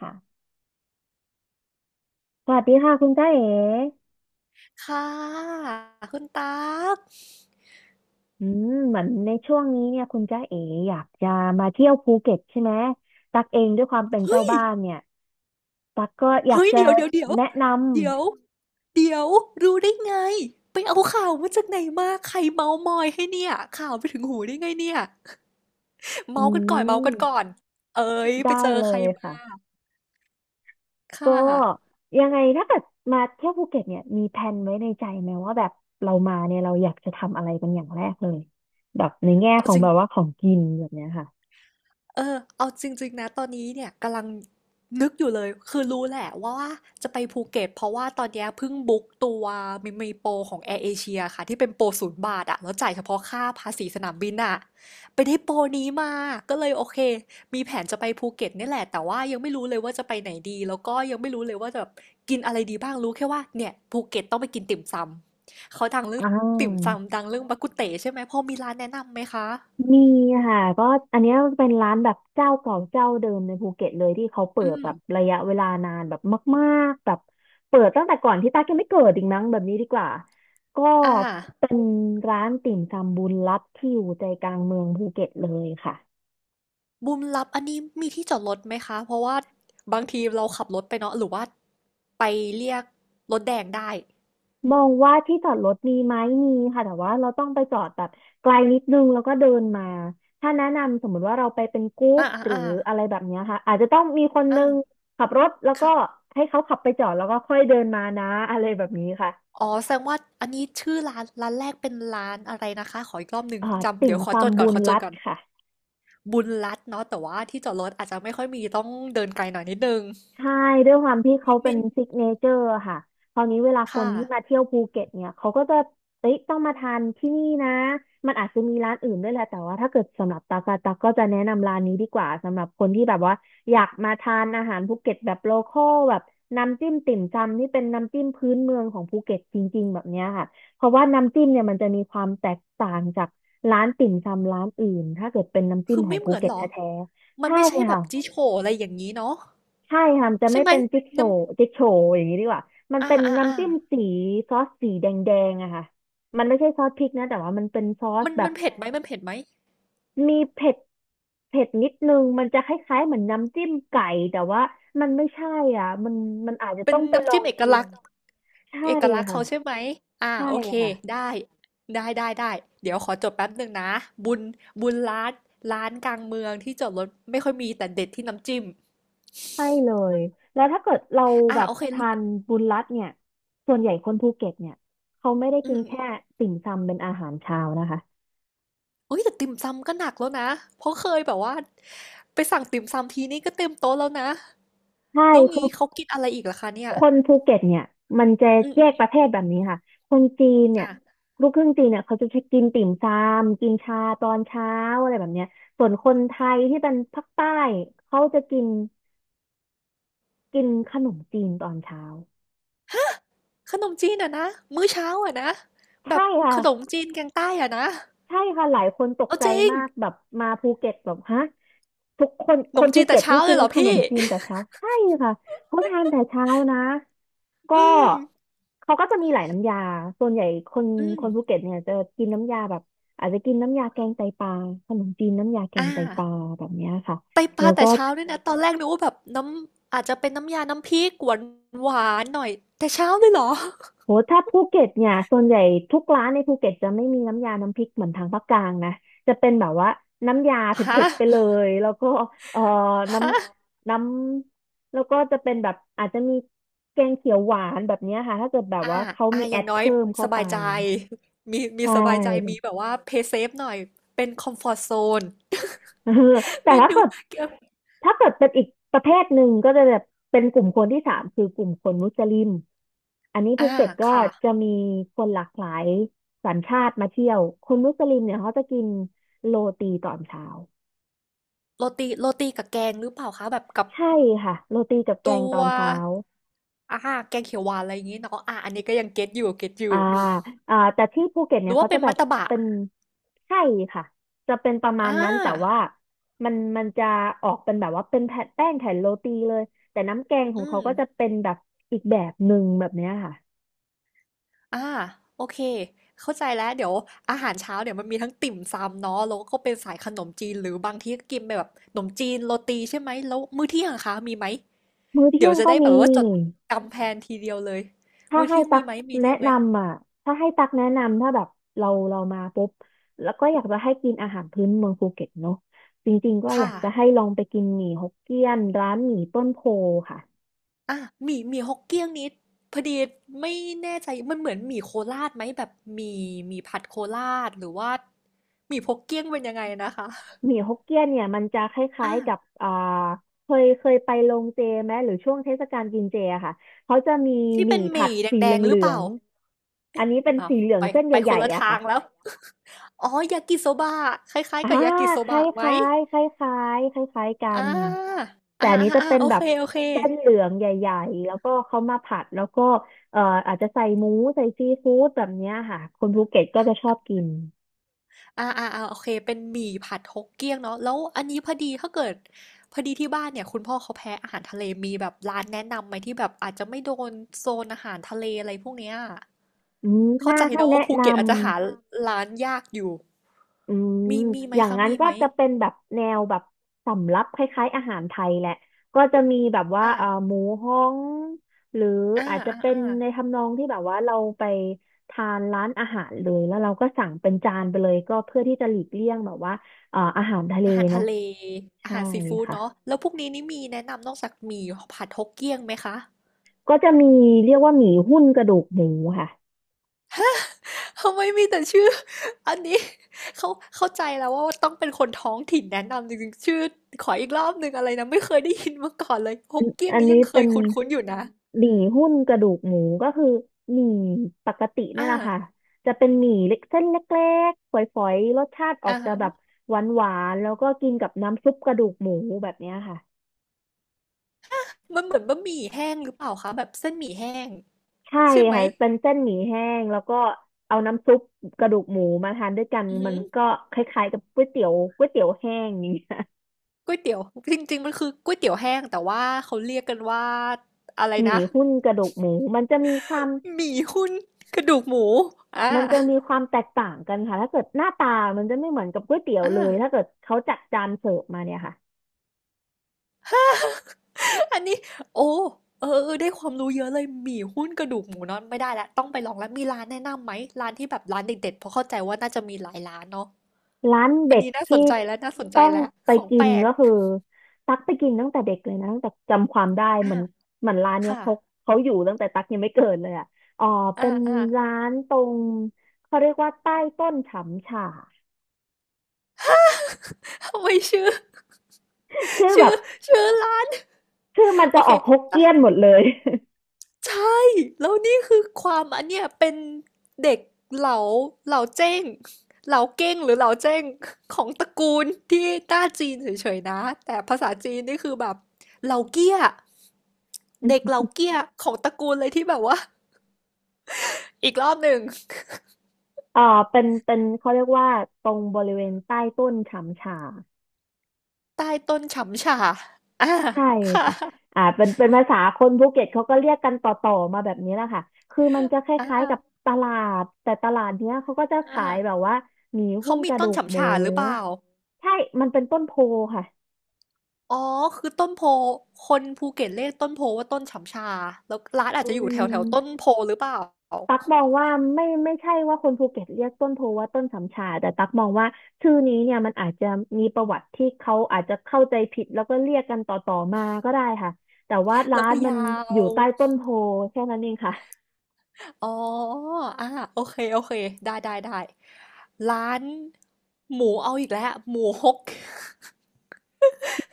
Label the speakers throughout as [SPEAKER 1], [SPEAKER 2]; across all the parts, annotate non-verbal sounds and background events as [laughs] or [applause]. [SPEAKER 1] ค่ะสวัสดีค่ะคุณจ้าเอ๋
[SPEAKER 2] ค่ะคุณตั๊ก
[SPEAKER 1] เหมือนในช่วงนี้เนี่ยคุณจ้าเอ๋อยากจะมาเที่ยวภูเก็ตใช่ไหมตักเองด้วยความเป็นเจ้า
[SPEAKER 2] เฮ้ย
[SPEAKER 1] บ้านเนี่ยตักก็อยาก
[SPEAKER 2] เฮ้ย
[SPEAKER 1] จะ
[SPEAKER 2] เดี๋ยวเดี๋ยวเดี๋ยว
[SPEAKER 1] แนะน
[SPEAKER 2] เดี๋ยวเดี๋ยวรู้ได้ไงไปเอาข่าวมาจากไหนมาใครเมามอยให้เนี่ยข่าวไปถึงหูได้ไงเนี่ย
[SPEAKER 1] ำ
[SPEAKER 2] เมากันก่อนเมากั
[SPEAKER 1] ม
[SPEAKER 2] นก่อนเอ้ยไป
[SPEAKER 1] ได้
[SPEAKER 2] เจอ
[SPEAKER 1] เล
[SPEAKER 2] ใคร
[SPEAKER 1] ยค่ะ
[SPEAKER 2] มา
[SPEAKER 1] ก็
[SPEAKER 2] ค่ะ
[SPEAKER 1] ยังไงถ้าเกิดมาเที่ยวภูเก็ตเนี่ยมีแผนไว้ในใจไหมว่าแบบเรามาเนี่ยเราอยากจะทำอะไรเป็นอย่างแรกเลยแบบในแง่ข
[SPEAKER 2] เอา
[SPEAKER 1] อง
[SPEAKER 2] จ
[SPEAKER 1] แบบว่าของกินแบบเนี้ยค่ะ
[SPEAKER 2] เอาจริงๆนะตอนนี้เนี่ยกำลังนึกอยู่เลยคือรู้แหละว่าจะไปภูเก็ตเพราะว่าตอนเนี้ยเพิ่งบุ๊กตัวมีโปรของแอร์เอเชียค่ะที่เป็นโปรศูนย์บาทอะแล้วจ่ายเฉพาะค่าภาษีสนามบินอะไปได้โปรนี้มาก็เลยโอเคมีแผนจะไปภูเก็ตนี่แหละแต่ว่ายังไม่รู้เลยว่าจะไปไหนดีแล้วก็ยังไม่รู้เลยว่าจะแบบกินอะไรดีบ้างรู้แค่ว่าเนี่ยภูเก็ตต้องไปกินติ่มซำเขาดังเรื่อ
[SPEAKER 1] อ่
[SPEAKER 2] งติ่ม
[SPEAKER 1] า
[SPEAKER 2] ซำดังเรื่องบักกุเตใช่ไหมพอมีร้านแนะนำไหมคะ
[SPEAKER 1] มีค่ะก็อันเนี้ยเป็นร้านแบบเจ้าเก่าเจ้าเดิมในภูเก็ตเลยที่เขาเปิ
[SPEAKER 2] อื
[SPEAKER 1] ด
[SPEAKER 2] ม
[SPEAKER 1] แบบระยะเวลานานแบบมากๆแบบเปิดตั้งแต่ก่อนที่ตากยังไม่เกิดอีกมั้งแบบนี้ดีกว่าก็
[SPEAKER 2] อ่า
[SPEAKER 1] เป็นร้านติ่มซำบุญลับที่อยู่ใจกลางเมืองภูเก็ตเลยค่ะ
[SPEAKER 2] บุญลับอันนี้มีที่จอดรถไหมคะเพราะว่าบางทีเราขับรถไปเนาะหรือว่าไปเรียกรถแดงได้
[SPEAKER 1] มองว่าที่จอดรถมีไหมมีค่ะแต่ว่าเราต้องไปจอดแบบไกลนิดนึงแล้วก็เดินมาถ้าแนะนำสมมติว่าเราไปเป็นกรุ๊
[SPEAKER 2] อ
[SPEAKER 1] ปหรือ
[SPEAKER 2] าๆ
[SPEAKER 1] อะไรแบบเนี้ยค่ะอาจจะต้องมีคน
[SPEAKER 2] ๆ
[SPEAKER 1] นึ
[SPEAKER 2] อา
[SPEAKER 1] งขับรถแล้วก็
[SPEAKER 2] ค่ะ
[SPEAKER 1] ให้เขาขับไปจอดแล้วก็ค่อยเดินมานะอะไรแบบนี้ค่ะ
[SPEAKER 2] อ๋อแสดงว่าอันนี้ชื่อร้านร้านแรกเป็นร้านอะไรนะคะขออีกรอบหนึ่ง
[SPEAKER 1] อ่า
[SPEAKER 2] จำ
[SPEAKER 1] ติ่
[SPEAKER 2] เดี๋
[SPEAKER 1] ม
[SPEAKER 2] ยวขอจด
[SPEAKER 1] ซำ
[SPEAKER 2] ก่อ
[SPEAKER 1] บุ
[SPEAKER 2] นข
[SPEAKER 1] ญ
[SPEAKER 2] อจด
[SPEAKER 1] รัต
[SPEAKER 2] ก่
[SPEAKER 1] น์
[SPEAKER 2] อน
[SPEAKER 1] ค่ะ
[SPEAKER 2] บุญลัดเนาะแต่ว่าที่จอดรถอาจจะไม่ค่อยมีต้องเดินไกลหน่อยนิดหนึ่ง
[SPEAKER 1] ใช่ด้วยความที่
[SPEAKER 2] มี
[SPEAKER 1] เขาเป็
[SPEAKER 2] เป็
[SPEAKER 1] น
[SPEAKER 2] น
[SPEAKER 1] ซิกเนเจอร์ค่ะคราวนี้เวลาคน
[SPEAKER 2] ค่ะ
[SPEAKER 1] ที่มาเที่ยวภูเก็ตเนี่ยเขาก็จะเอ้ยต้องมาทานที่นี่นะมันอาจจะมีร้านอื่นด้วยแหละแต่ว่าถ้าเกิดสำหรับตากาตาก็จะแนะนำร้านนี้ดีกว่าสำหรับคนที่แบบว่าอยากมาทานอาหารภูเก็ตแบบโลคอลแบบน้ำจิ้มติ่มซำนี่เป็นน้ำจิ้มพื้นเมืองของภูเก็ตจริงๆแบบเนี้ยค่ะเพราะว่าน้ำจิ้มเนี่ยมันจะมีความแตกต่างจากร้านติ่มซำร้านอื่นถ้าเกิดเป็นน้ำจิ้
[SPEAKER 2] คื
[SPEAKER 1] ม
[SPEAKER 2] อ
[SPEAKER 1] ของ
[SPEAKER 2] ไม่เห
[SPEAKER 1] ภู
[SPEAKER 2] มือน
[SPEAKER 1] เก็ต
[SPEAKER 2] เหรอ
[SPEAKER 1] แท้ๆ
[SPEAKER 2] มัน
[SPEAKER 1] ใช่
[SPEAKER 2] ไม่ใช่แบ
[SPEAKER 1] ค่ะ
[SPEAKER 2] บจี้โฉ่อะไรอย่างงี้เนาะ
[SPEAKER 1] ใช่ค่ะมันจะ
[SPEAKER 2] ใช่
[SPEAKER 1] ไม่
[SPEAKER 2] ไหม
[SPEAKER 1] เป็นจิ๊กโซ
[SPEAKER 2] น้
[SPEAKER 1] จิ๊กโชว์อย่างนี้ดีกว่ามันเป็น
[SPEAKER 2] ำอ
[SPEAKER 1] น้ำ
[SPEAKER 2] า
[SPEAKER 1] จิ้
[SPEAKER 2] ๆ
[SPEAKER 1] มสีซอสสีแดงๆอะค่ะมันไม่ใช่ซอสพริกนะแต่ว่ามันเป็นซอ
[SPEAKER 2] ๆ
[SPEAKER 1] ส
[SPEAKER 2] มัน
[SPEAKER 1] แบ
[SPEAKER 2] มั
[SPEAKER 1] บ
[SPEAKER 2] นเผ็ดไหมมันเผ็ดไหม
[SPEAKER 1] มีเผ็ดเผ็ดนิดนึงมันจะคล้ายๆเหมือนน้ำจิ้มไก่แต่ว่ามันไม่ใช่อ่ะมันมันอาจจะ
[SPEAKER 2] เป็
[SPEAKER 1] ต้
[SPEAKER 2] น
[SPEAKER 1] องไปล
[SPEAKER 2] น้ำ
[SPEAKER 1] อ
[SPEAKER 2] จิ้ม
[SPEAKER 1] ง
[SPEAKER 2] เอก
[SPEAKER 1] ชิม
[SPEAKER 2] ลักษณ์
[SPEAKER 1] ใช่
[SPEAKER 2] เอกลักษณ์
[SPEAKER 1] ค่ะ
[SPEAKER 2] เขาใช่ไหม อ่า
[SPEAKER 1] ใช่
[SPEAKER 2] โอเค
[SPEAKER 1] ค่ะ
[SPEAKER 2] ได้ ได้เดี๋ยวขอจดแป๊บหนึ่งนะบุญบุญร้านร้านกลางเมืองที่จอดรถไม่ค่อยมีแต่เด็ดที่น้ำจิ้ม
[SPEAKER 1] ใช่เลยแล้วถ้าเกิดเรา
[SPEAKER 2] อ่า
[SPEAKER 1] แบบ
[SPEAKER 2] โอเค
[SPEAKER 1] ทานบุญรัตน์เนี่ยส่วนใหญ่คนภูเก็ตเนี่ยเขาไม่ได้
[SPEAKER 2] อื
[SPEAKER 1] กิ
[SPEAKER 2] ม
[SPEAKER 1] น
[SPEAKER 2] อืม
[SPEAKER 1] แค่
[SPEAKER 2] อืม
[SPEAKER 1] ติ่มซำเป็นอาหารเช้านะคะ
[SPEAKER 2] เอ้ยแต่ติ่มซำก็หนักแล้วนะเพราะเคยแบบว่าไปสั่งติ่มซำทีนี้ก็เต็มโต๊ะแล้วนะ
[SPEAKER 1] ใช่
[SPEAKER 2] แล้ว
[SPEAKER 1] คื
[SPEAKER 2] งี้
[SPEAKER 1] อ
[SPEAKER 2] เขากินอะไรอีกล่ะคะเนี่
[SPEAKER 1] ค
[SPEAKER 2] ย
[SPEAKER 1] นภูเก็ตเนี่ยมันจะ
[SPEAKER 2] อืม
[SPEAKER 1] แย
[SPEAKER 2] อืม
[SPEAKER 1] กประเภทแบบนี้ค่ะคนจีนเนี่ย
[SPEAKER 2] อ่ะ
[SPEAKER 1] ลูกครึ่งจีนเนี่ยเขาจะกินติ่มซำกินชาตอนเช้าอะไรแบบเนี้ยส่วนคนไทยที่เป็นภาคใต้เขาจะกินกินขนมจีนตอนเช้า
[SPEAKER 2] ขนมจีนอะนะมื้อเช้าอะนะแบ
[SPEAKER 1] ใช่
[SPEAKER 2] บขนม
[SPEAKER 1] ค่ะ
[SPEAKER 2] จีนแกงใต้อะนะ
[SPEAKER 1] ใช่ค่ะหลายคนตก
[SPEAKER 2] เอา
[SPEAKER 1] ใจ
[SPEAKER 2] จริง
[SPEAKER 1] มากแบบมาภูเก็ตแบบฮะทุกคน
[SPEAKER 2] ข
[SPEAKER 1] ค
[SPEAKER 2] นม
[SPEAKER 1] นภู
[SPEAKER 2] จีน
[SPEAKER 1] เก็
[SPEAKER 2] แต่
[SPEAKER 1] ต
[SPEAKER 2] เช้า
[SPEAKER 1] นี่
[SPEAKER 2] เล
[SPEAKER 1] กิ
[SPEAKER 2] ย
[SPEAKER 1] น
[SPEAKER 2] เหรอ
[SPEAKER 1] ขน
[SPEAKER 2] พี่
[SPEAKER 1] มจีนแต่เช้าใช่ค่ะเขาทานแต่เช้านะ
[SPEAKER 2] [laughs]
[SPEAKER 1] ก็
[SPEAKER 2] อืม
[SPEAKER 1] เขาก็จะมีหลายน้ำยาส่วนใหญ่คน
[SPEAKER 2] อื
[SPEAKER 1] ค
[SPEAKER 2] ม
[SPEAKER 1] นภูเก็ตเนี่ยจะกินน้ำยาแบบอาจจะกินน้ำยาแกงไตปลาขนมจีนน้ำยาแกง
[SPEAKER 2] อา
[SPEAKER 1] ไตปลาแบบเนี้ยค่ะ
[SPEAKER 2] ไปป
[SPEAKER 1] แล้
[SPEAKER 2] ลา
[SPEAKER 1] ว
[SPEAKER 2] แต่
[SPEAKER 1] ก็
[SPEAKER 2] เช้าด้วยนะตอนแรกนึกว่าแบบน้ำอาจจะเป็นน้ำยาน้ำพริกหวานหวานหน่อยแต่เช้าเลยเหรอ
[SPEAKER 1] โหถ้าภูเก็ตเนี่ยส่วนใหญ่ทุกร้านในภูเก็ตจะไม่มีน้ำยาน้ำพริกเหมือนทางภาคกลางนะจะเป็นแบบว่าน้ำยาเผ
[SPEAKER 2] ฮะ
[SPEAKER 1] ็ดๆไปเลยแล้วก็เอ่อน้
[SPEAKER 2] ฮะ
[SPEAKER 1] น้ำแล้วก็จะเป็นแบบอาจจะมีแกงเขียวหวานแบบเนี้ยค่ะถ้าเกิดแบบ
[SPEAKER 2] อา
[SPEAKER 1] ว่าเขา
[SPEAKER 2] อา
[SPEAKER 1] มี
[SPEAKER 2] อ
[SPEAKER 1] แอ
[SPEAKER 2] ย่าง
[SPEAKER 1] ด
[SPEAKER 2] น้อย
[SPEAKER 1] เพิ่ม
[SPEAKER 2] ส
[SPEAKER 1] เข้าไป
[SPEAKER 2] บายใจ มี มี
[SPEAKER 1] ใช่
[SPEAKER 2] สบายใจมีแบบว่า Play safe หน่อยเป็นคอมฟอร์ตโซน
[SPEAKER 1] เออ
[SPEAKER 2] [laughs]
[SPEAKER 1] แต่
[SPEAKER 2] เม
[SPEAKER 1] ถ้า
[SPEAKER 2] นู
[SPEAKER 1] เกิด
[SPEAKER 2] เกี่ยว
[SPEAKER 1] ถ้าเกิดเป็นอีกประเภทหนึ่งก็จะแบบเป็นกลุ่มคนที่สามคือกลุ่มคนมุสลิมอันนี้ภู
[SPEAKER 2] อา
[SPEAKER 1] เก็ตก็
[SPEAKER 2] ค่ะ
[SPEAKER 1] จะมีคนหลากหลายสัญชาติมาเที่ยวคนมุสลิมเนี่ยเขาจะกินโรตีตอนเช้า
[SPEAKER 2] โรตี โรตีกับแกงหรือเปล่าคะแบบกับ
[SPEAKER 1] ใช่ค่ะโรตีกับแก
[SPEAKER 2] ตั
[SPEAKER 1] งต
[SPEAKER 2] ว
[SPEAKER 1] อนเช้า
[SPEAKER 2] อาแกงเขียวหวานอะไรอย่างงี้เนาะอาอันนี้ก็ยังเก็ตอยู่เก็ตอ
[SPEAKER 1] อ่า
[SPEAKER 2] ยู่
[SPEAKER 1] อ่าแต่ที่ภูเก็ต
[SPEAKER 2] ห
[SPEAKER 1] เนี่
[SPEAKER 2] รื
[SPEAKER 1] ย
[SPEAKER 2] อว่า
[SPEAKER 1] เขา
[SPEAKER 2] เป็
[SPEAKER 1] จะ
[SPEAKER 2] น
[SPEAKER 1] แบ
[SPEAKER 2] มั
[SPEAKER 1] บ
[SPEAKER 2] ตตบะ
[SPEAKER 1] เป็นใช่ค่ะจะเป็นประมาณ
[SPEAKER 2] อา
[SPEAKER 1] นั้นแต่ว่ามันมันจะออกเป็นแบบว่าเป็นแผ่นแป้งแผ่นโรตีเลยแต่น้ำแกงของ
[SPEAKER 2] อื
[SPEAKER 1] เขา
[SPEAKER 2] ม
[SPEAKER 1] ก็จะเป็นแบบอีกแบบหนึ่งแบบเนี้ยค่ะ
[SPEAKER 2] อาโอเคเข้าใจแล้วเดี๋ยวอาหารเช้าเนี่ยวมันมีทั้งติ่มซำเนาะแล้วก็เป็นสายขนมจีนหรือบางทีก็กินไปแบบขนมจีนโรตีใช่ไหมแล้วมื้อเที่ยงอะคะมีไหม
[SPEAKER 1] มื้อเที่
[SPEAKER 2] เดี๋ย
[SPEAKER 1] ย
[SPEAKER 2] ว
[SPEAKER 1] ง
[SPEAKER 2] จะ
[SPEAKER 1] ก็
[SPEAKER 2] ได้แบ
[SPEAKER 1] มี
[SPEAKER 2] บว่าจดจำแพลนทีเดียวเลย
[SPEAKER 1] ถ้า
[SPEAKER 2] มื้อ
[SPEAKER 1] ให้
[SPEAKER 2] เที่ยง
[SPEAKER 1] ตั
[SPEAKER 2] มี
[SPEAKER 1] ก
[SPEAKER 2] ไหมมี
[SPEAKER 1] แนะ
[SPEAKER 2] เที่ยงไหม
[SPEAKER 1] นำอ่ะถ้าให้ตักแนะนำถ้าแบบเรามาปุ๊บแล้วก็อยากจะให้กินอาหารพื้นเมืองภูเก็ตเนาะจริงๆก็อ
[SPEAKER 2] ค่ะ
[SPEAKER 1] ยากจะให้ลองไปกินหมี่ฮกเกี้ยนร้านหมี่ต้นโพค่ะ
[SPEAKER 2] อ่ะหมี่ฮกเกี้ยงนี้พอดีไม่แน่ใจมันเหมือนหมี่โคราชไหมแบบหมี่หมี่ผัดโคราชหรือว่าหมี่ฮกเกี้ยงเป็นยังไงนะคะ
[SPEAKER 1] หมี่ฮกเกี้ยนเนี่ยมันจะคล้า
[SPEAKER 2] อ่ะ
[SPEAKER 1] ยๆกับอ่าเคยไปโรงเจไหมหรือช่วงเทศกาลกินเจอะค่ะเขาจะมี
[SPEAKER 2] ที่
[SPEAKER 1] ห
[SPEAKER 2] เป็
[SPEAKER 1] มี่
[SPEAKER 2] นห
[SPEAKER 1] ผัด
[SPEAKER 2] มี่
[SPEAKER 1] สี
[SPEAKER 2] แด
[SPEAKER 1] เ
[SPEAKER 2] งๆห
[SPEAKER 1] ห
[SPEAKER 2] รื
[SPEAKER 1] ลื
[SPEAKER 2] อเป
[SPEAKER 1] อ
[SPEAKER 2] ล่า
[SPEAKER 1] งๆอันนี้เป็น
[SPEAKER 2] อ้าว
[SPEAKER 1] สีเหลือง
[SPEAKER 2] ไป
[SPEAKER 1] เส้น
[SPEAKER 2] ไป
[SPEAKER 1] ให
[SPEAKER 2] ค
[SPEAKER 1] ญ่
[SPEAKER 2] นละ
[SPEAKER 1] ๆอะ
[SPEAKER 2] ทา
[SPEAKER 1] ค่ะ
[SPEAKER 2] งแล้ว [laughs] อ๋อยากิโซบะคล้าย
[SPEAKER 1] อ่า
[SPEAKER 2] ๆกับยากิโซ
[SPEAKER 1] คล้า
[SPEAKER 2] บะไหม
[SPEAKER 1] ยๆคล้ายๆคล้ายคล้ายๆกั
[SPEAKER 2] อ่
[SPEAKER 1] น
[SPEAKER 2] า
[SPEAKER 1] แต่
[SPEAKER 2] อ่า
[SPEAKER 1] อันนี้
[SPEAKER 2] อ่า
[SPEAKER 1] จะ
[SPEAKER 2] อ่า
[SPEAKER 1] เป็น
[SPEAKER 2] โอ
[SPEAKER 1] แบ
[SPEAKER 2] เค
[SPEAKER 1] บ
[SPEAKER 2] โอเค
[SPEAKER 1] เส้นเหลืองใหญ่ๆแล้วก็เขามาผัดแล้วก็เอ่ออาจจะใส่หมูใส่ซีฟู้ดแบบเนี้ยค่ะคนภูเก็ตก็จะชอบกิน
[SPEAKER 2] อ่าโอเคเป็นหมี่ผัดฮกเกี้ยงเนาะแล้วอันนี้พอดีถ้าเกิดพอดีที่บ้านเนี่ยคุณพ่อเขาแพ้อาหารทะเลมีแบบร้านแนะนำไหมที่แบบอาจจะไม่โดนโซนอาหารทะเลอะไรพวกเนี้ย
[SPEAKER 1] อืม
[SPEAKER 2] เข้า
[SPEAKER 1] ถ้า
[SPEAKER 2] ใจ
[SPEAKER 1] ให้
[SPEAKER 2] เนาะ
[SPEAKER 1] แนะ
[SPEAKER 2] ว่าภู
[SPEAKER 1] น
[SPEAKER 2] เก็ตอาจจะหา
[SPEAKER 1] ำ
[SPEAKER 2] ร้านยากอยู่
[SPEAKER 1] อืม
[SPEAKER 2] มีไหม
[SPEAKER 1] อย่าง
[SPEAKER 2] คะ
[SPEAKER 1] นั้น
[SPEAKER 2] มี
[SPEAKER 1] ก็
[SPEAKER 2] ไหม
[SPEAKER 1] จะเป็นแบบแนวแบบสำรับคล้ายๆอาหารไทยแหละก็จะมีแบบว่า
[SPEAKER 2] อ่า
[SPEAKER 1] หมูฮ้อง หรือ
[SPEAKER 2] อ่า
[SPEAKER 1] อาจจะ
[SPEAKER 2] อ่า
[SPEAKER 1] เป็น
[SPEAKER 2] อ่า
[SPEAKER 1] ในทำนองที่แบบว่าเราไปทานร้านอาหารเลยแล้วเราก็สั่งเป็นจานไปเลยก็เพื่อที่จะหลีกเลี่ยงแบบว่าอาหารทะเล
[SPEAKER 2] อาหาร
[SPEAKER 1] เนาะ
[SPEAKER 2] ทะเลอา
[SPEAKER 1] ใช่
[SPEAKER 2] หารซีฟู้ด
[SPEAKER 1] ค่ะ
[SPEAKER 2] เนาะแล้วพวกนี้นี่มีแนะนำนอกจากหมี่ผัดฮกเกี้ยงไหมคะ
[SPEAKER 1] ก็จะมีเรียกว่าหมี่หุ้นกระดูกหมูค่ะ
[SPEAKER 2] ทำไมมีแต่ชื่ออันนี้เขาเข้าใจแล้วว่าต้องเป็นคนท้องถิ่นแนะนำจริงๆชื่อขออีกรอบหนึ่งอะไรนะไม่เคยได้ยินมาก่อนเลยฮกเกี้ยง
[SPEAKER 1] อัน
[SPEAKER 2] นี่ยั
[SPEAKER 1] นี้
[SPEAKER 2] งเค
[SPEAKER 1] เป็
[SPEAKER 2] ย
[SPEAKER 1] น
[SPEAKER 2] คุ้นๆอยู่นะ
[SPEAKER 1] หมี่หุ้นกระดูกหมูก็คือหมี่ปกติเนี่ยแห
[SPEAKER 2] อ่า
[SPEAKER 1] ละค่ะจะเป็นหมี่เล็กเส้นเล็กๆฝอยๆรสชาติออ
[SPEAKER 2] อ่า
[SPEAKER 1] กจะแบบ
[SPEAKER 2] ฮะ
[SPEAKER 1] หวานๆแล้วก็กินกับน้ำซุปกระดูกหมูแบบเนี้ยค่ะ
[SPEAKER 2] มันเหมือนบะหมี่แห้งหรือเปล่าคะแบบเส้นหมี่แห้ง
[SPEAKER 1] ใช่
[SPEAKER 2] ใช่ไหม
[SPEAKER 1] ค่ะเป็นเส้นหมี่แห้งแล้วก็เอาน้ำซุปกระดูกหมูมาทานด้วยกัน
[SPEAKER 2] อือ
[SPEAKER 1] มั
[SPEAKER 2] หื
[SPEAKER 1] น
[SPEAKER 2] อ
[SPEAKER 1] ก็คล้ายๆกับก๋วยเตี๋ยวก๋วยเตี๋ยวแห้งอย่างเงี้ย
[SPEAKER 2] ก๋วยเตี๋ยวจริงๆมันคือก๋วยเตี๋ยวแห้งแต่ว่าเขาเรียกกันว่าอะไร
[SPEAKER 1] [laughs] ห
[SPEAKER 2] นะ
[SPEAKER 1] มี่หุ้นกระดูกหมูมันจะมีความ
[SPEAKER 2] หมี่หุ้นกระดูกหมูอ่า
[SPEAKER 1] มันจะมีความแตกต่างกันค่ะถ้าเกิดหน้าตามันจะไม่เหมือนกับก๋วยเตี๋ยว
[SPEAKER 2] อา
[SPEAKER 1] เลยถ้าเกิดเขาจัดจานเสิร์ฟมาเนี่ยค่ะ
[SPEAKER 2] [laughs] อันนี้โอ้เออ ได้ความรู้เยอะเลยหมี่หุ้นกระดูกหมูน็อนไม่ได้แล้ว ต้องไปลองแล้วมีร้านแนะนำไหมร้านที่แบบร้านเด็ดๆเพราะเข้าใจว่าน่าจะมีหลายร้านเนาะ
[SPEAKER 1] ร้าน
[SPEAKER 2] อัน
[SPEAKER 1] เด็ด
[SPEAKER 2] นี้น่าส
[SPEAKER 1] ที่
[SPEAKER 2] นใจแล้วน่าสนใจ
[SPEAKER 1] ต้อง
[SPEAKER 2] แล้ว
[SPEAKER 1] ไป
[SPEAKER 2] ของ
[SPEAKER 1] กิ
[SPEAKER 2] แป
[SPEAKER 1] น
[SPEAKER 2] ลก
[SPEAKER 1] ก็คือตักไปกินตั้งแต่เด็กเลยนะตั้งแต่จำความได้เห
[SPEAKER 2] อา
[SPEAKER 1] มือนเหมือนร้านเนี้ย
[SPEAKER 2] ค่ะ
[SPEAKER 1] เขาอยู่ตั้งแต่ตักยังไม่เกิดเลยอ่ะอ๋อ
[SPEAKER 2] อ
[SPEAKER 1] เป็นร้า
[SPEAKER 2] า
[SPEAKER 1] นตรงเขาเรียกว่าใต้ต้นฉำฉ่า
[SPEAKER 2] ๆทำไมชื่อ
[SPEAKER 1] [laughs] ชื่อแบ
[SPEAKER 2] ชื่อ
[SPEAKER 1] บ
[SPEAKER 2] ชื่อร้าน
[SPEAKER 1] ชื่อมัน
[SPEAKER 2] โอ
[SPEAKER 1] จะออกฮ
[SPEAKER 2] เค
[SPEAKER 1] กเกี้ยนหมดเลย
[SPEAKER 2] ใช่แล้วนี่คือความอันเนี้ยเป็นเด็กเหลาเหลาเจ้งเหลาเก้งหรือเหลาเจ้งของตระกูลที่ต้าจีนเฉยๆนะแต่ภาษาจีนนี่คือแบบเหลาเกี้ยเด็กเห
[SPEAKER 1] [laughs]
[SPEAKER 2] ลาเกี้ยของตระกูลเลยที่แบบว่าอีกรอบหนึ่ง
[SPEAKER 1] เออเป็นเขาเรียกว่าตรงบริเวณใต้ต้นฉำฉา
[SPEAKER 2] ใต้ต้นฉ่ำฉ่าอ่า
[SPEAKER 1] ใช่
[SPEAKER 2] ค่ะ
[SPEAKER 1] ค่ะอ่าเป็นภาษาคนภูเก็ตเขาก็เรียกกันต่อๆมาแบบนี้แหละค่ะคือมันจะคล้ายๆกับ
[SPEAKER 2] อ่า
[SPEAKER 1] ตลาดแต่ตลาดเนี้ยเขาก็จะ
[SPEAKER 2] อ่า
[SPEAKER 1] ขายแบบว่าหมีหุ้
[SPEAKER 2] เขา
[SPEAKER 1] นก
[SPEAKER 2] มี
[SPEAKER 1] ระดู
[SPEAKER 2] ต้น
[SPEAKER 1] กห
[SPEAKER 2] ฉ่ำ
[SPEAKER 1] มู
[SPEAKER 2] ฉ่าหรือเปล่า
[SPEAKER 1] ใช่มันเป็นต้นโพค่ะ
[SPEAKER 2] อ๋อคือต้นโพคนภูเก็ตเรียกต้นโพว่าต้นฉ่ำชาแล้วร้านอา
[SPEAKER 1] อื
[SPEAKER 2] จจะอยู่แถวแถวต้น
[SPEAKER 1] ม
[SPEAKER 2] โพหรือเปล่า
[SPEAKER 1] ตักมองว่าไม่ใช่ว่าคนภูเก็ตเรียกต้นโพว่าต้นสำชาแต่ตักมองว่าชื่อนี้เนี่ยมันอาจจะมีประวัติที่เขาอาจจะเข้าใจผิดแล้วก็เรียกกันต่อๆมาก็ได้ค่ะแต่ว่า
[SPEAKER 2] แล้
[SPEAKER 1] ร้า
[SPEAKER 2] ว
[SPEAKER 1] น
[SPEAKER 2] ก็
[SPEAKER 1] มัน
[SPEAKER 2] ยา
[SPEAKER 1] อยู่
[SPEAKER 2] ว
[SPEAKER 1] ใต้ต้นโพแค่นั้นเองค่ะ
[SPEAKER 2] อ๋ออ่าโอเคโอเคได้ได้ได้ ร้านหมูเอาอีกแล้ว หมูฮก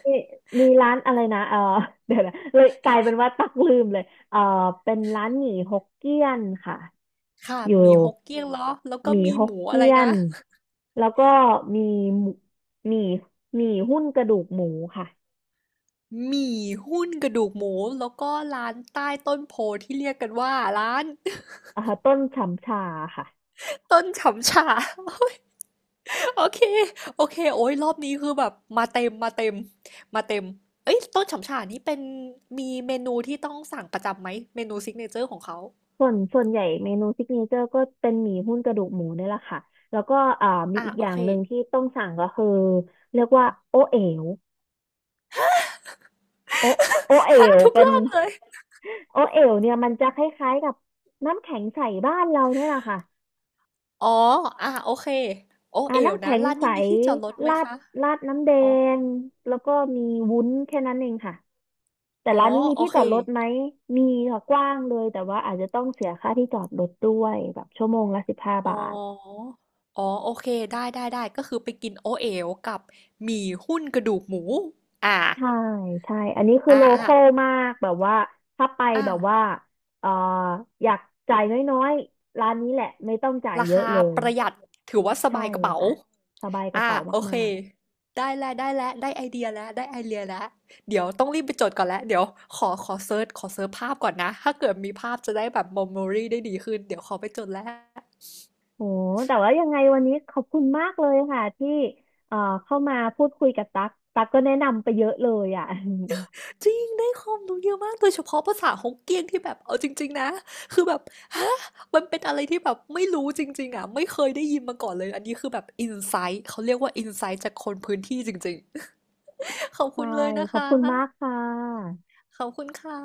[SPEAKER 1] มีมีร้านอะไรนะเออ [laughs] เดี๋ยวนะเลยกลายเป็นว่าตักลืมเลยเออเป็นร้านหมี่ฮกเกี้ยนค่ะ
[SPEAKER 2] ค่ะ
[SPEAKER 1] อยู่
[SPEAKER 2] หมี่ฮกเกี้ยงเนาะแล้ว
[SPEAKER 1] ห
[SPEAKER 2] ก็
[SPEAKER 1] มี่
[SPEAKER 2] มี
[SPEAKER 1] ฮ
[SPEAKER 2] ห
[SPEAKER 1] ก
[SPEAKER 2] มูอะ
[SPEAKER 1] เกี้
[SPEAKER 2] ไร
[SPEAKER 1] ย
[SPEAKER 2] นะ
[SPEAKER 1] น แล้วก็มีหมูหมี่หมี่หุ้นกระดูกหมูค่ะ
[SPEAKER 2] หมี่หุ้นกระดูกหมู แล้วก็ร้านใต้ต้นโพธิ์ที่เรียกกันว่าร้าน [laughs]
[SPEAKER 1] อ่าต้นฉ่ำชาค่ะ
[SPEAKER 2] ต้นฉำฉา [laughs] โอเค โอเคโอ้ยรอบนี้คือแบบมาเต็มมาเต็มมาเต็มเอ้ยต้นฉำฉานี่เป็นมีเมนูที่ต้องสั่งประจำไหม เมนูซิกเนเจอร์ของเขา
[SPEAKER 1] ส่วนใหญ่เมนูซิกเนเจอร์ก็เป็นหมี่หุ้นกระดูกหมูนี่แหละค่ะแล้วก็อ่ามี
[SPEAKER 2] อ่ะ
[SPEAKER 1] อีกอ
[SPEAKER 2] โอ
[SPEAKER 1] ย่าง
[SPEAKER 2] เค
[SPEAKER 1] หนึ่งที่ต้องสั่งก็คือเรียกว่าโอเอ๋วโอเอ๋
[SPEAKER 2] [laughs] ฮะ
[SPEAKER 1] ว
[SPEAKER 2] ทุก
[SPEAKER 1] เป็
[SPEAKER 2] ร
[SPEAKER 1] น
[SPEAKER 2] อบเลย
[SPEAKER 1] โอเอ๋วเนี่ยมันจะคล้ายๆกับน้ำแข็งใสบ้านเราเนี่ยแหละค่ะ
[SPEAKER 2] อ๋ออ่ะโอเคโอ
[SPEAKER 1] อ่า
[SPEAKER 2] เอว
[SPEAKER 1] น้ำ
[SPEAKER 2] นะ
[SPEAKER 1] แข็ง
[SPEAKER 2] ลาน
[SPEAKER 1] ใส
[SPEAKER 2] นี้มีที่จอดรถไหม
[SPEAKER 1] ราด
[SPEAKER 2] คะ
[SPEAKER 1] ราดน้ำแด
[SPEAKER 2] อ๋อ
[SPEAKER 1] งแล้วก็มีวุ้นแค่นั้นเองค่ะแต่
[SPEAKER 2] อ๋อ
[SPEAKER 1] ร้านนี้มี
[SPEAKER 2] โอ
[SPEAKER 1] ที่
[SPEAKER 2] เค
[SPEAKER 1] จอดรถไหมมีค่ะกว้างเลยแต่ว่าอาจจะต้องเสียค่าที่จอดรถด้วยแบบชั่วโมงละสิบห้า
[SPEAKER 2] อ๋อ
[SPEAKER 1] บาท
[SPEAKER 2] อ๋อโอเคได้ได้ได้ก็คือไปกินโอเอวกับหมี่หุ้นกระดูกหมูอ่า
[SPEAKER 1] ใช่ใช่อันนี้คือ
[SPEAKER 2] อ่า
[SPEAKER 1] โลค
[SPEAKER 2] อ่า
[SPEAKER 1] อลมากแบบว่าถ้าไป
[SPEAKER 2] อ่า
[SPEAKER 1] แบบว่าเอ่ออยากจ่ายน้อยๆร้านนี้แหละไม่ต้องจ่าย
[SPEAKER 2] รา
[SPEAKER 1] เยอะ
[SPEAKER 2] คา
[SPEAKER 1] เลย
[SPEAKER 2] ประหยัดถือว่าส
[SPEAKER 1] ใช่
[SPEAKER 2] บายกระเป๋า
[SPEAKER 1] ค่ะสบายกระเป๋า
[SPEAKER 2] โอเค
[SPEAKER 1] มาก
[SPEAKER 2] ได้แล้วได้แล้วได้ไอเดียแล้วได้ไอเดียแล้วเดี๋ยวต้องรีบไปจดก่อนแล้วเดี๋ยวขอเซิร์ชภาพก่อนนะถ้าเกิดมีภาพจะได้แบบ memory ได้ดีขึ้นเดี๋ยวขอไปจดแล้ว
[SPEAKER 1] โหแต่ว่ายังไงวันนี้ขอบคุณมากเลยค่ะที่เอ่อเข้ามาพูดคุยกับตั๊กตั๊กก็แนะนำไปเยอะเลยอ่ะ [laughs]
[SPEAKER 2] จริงได้ความรู้เยอะมากโดยเฉพาะภาษาฮกเกี้ยนที่แบบเอาจริงๆนะคือแบบฮะมันเป็นอะไรที่แบบไม่รู้จริงๆอ่ะไม่เคยได้ยินมาก่อนเลยอันนี้คือแบบอินไซต์เขาเรียกว่าอินไซต์จากคนพื้นที่จริงๆ [laughs] ขอบคุ
[SPEAKER 1] ใช่
[SPEAKER 2] ณเลยนะ
[SPEAKER 1] ข
[SPEAKER 2] ค
[SPEAKER 1] อบคุณมาก
[SPEAKER 2] ะ
[SPEAKER 1] ค่ะ
[SPEAKER 2] ขอบคุณค่ะ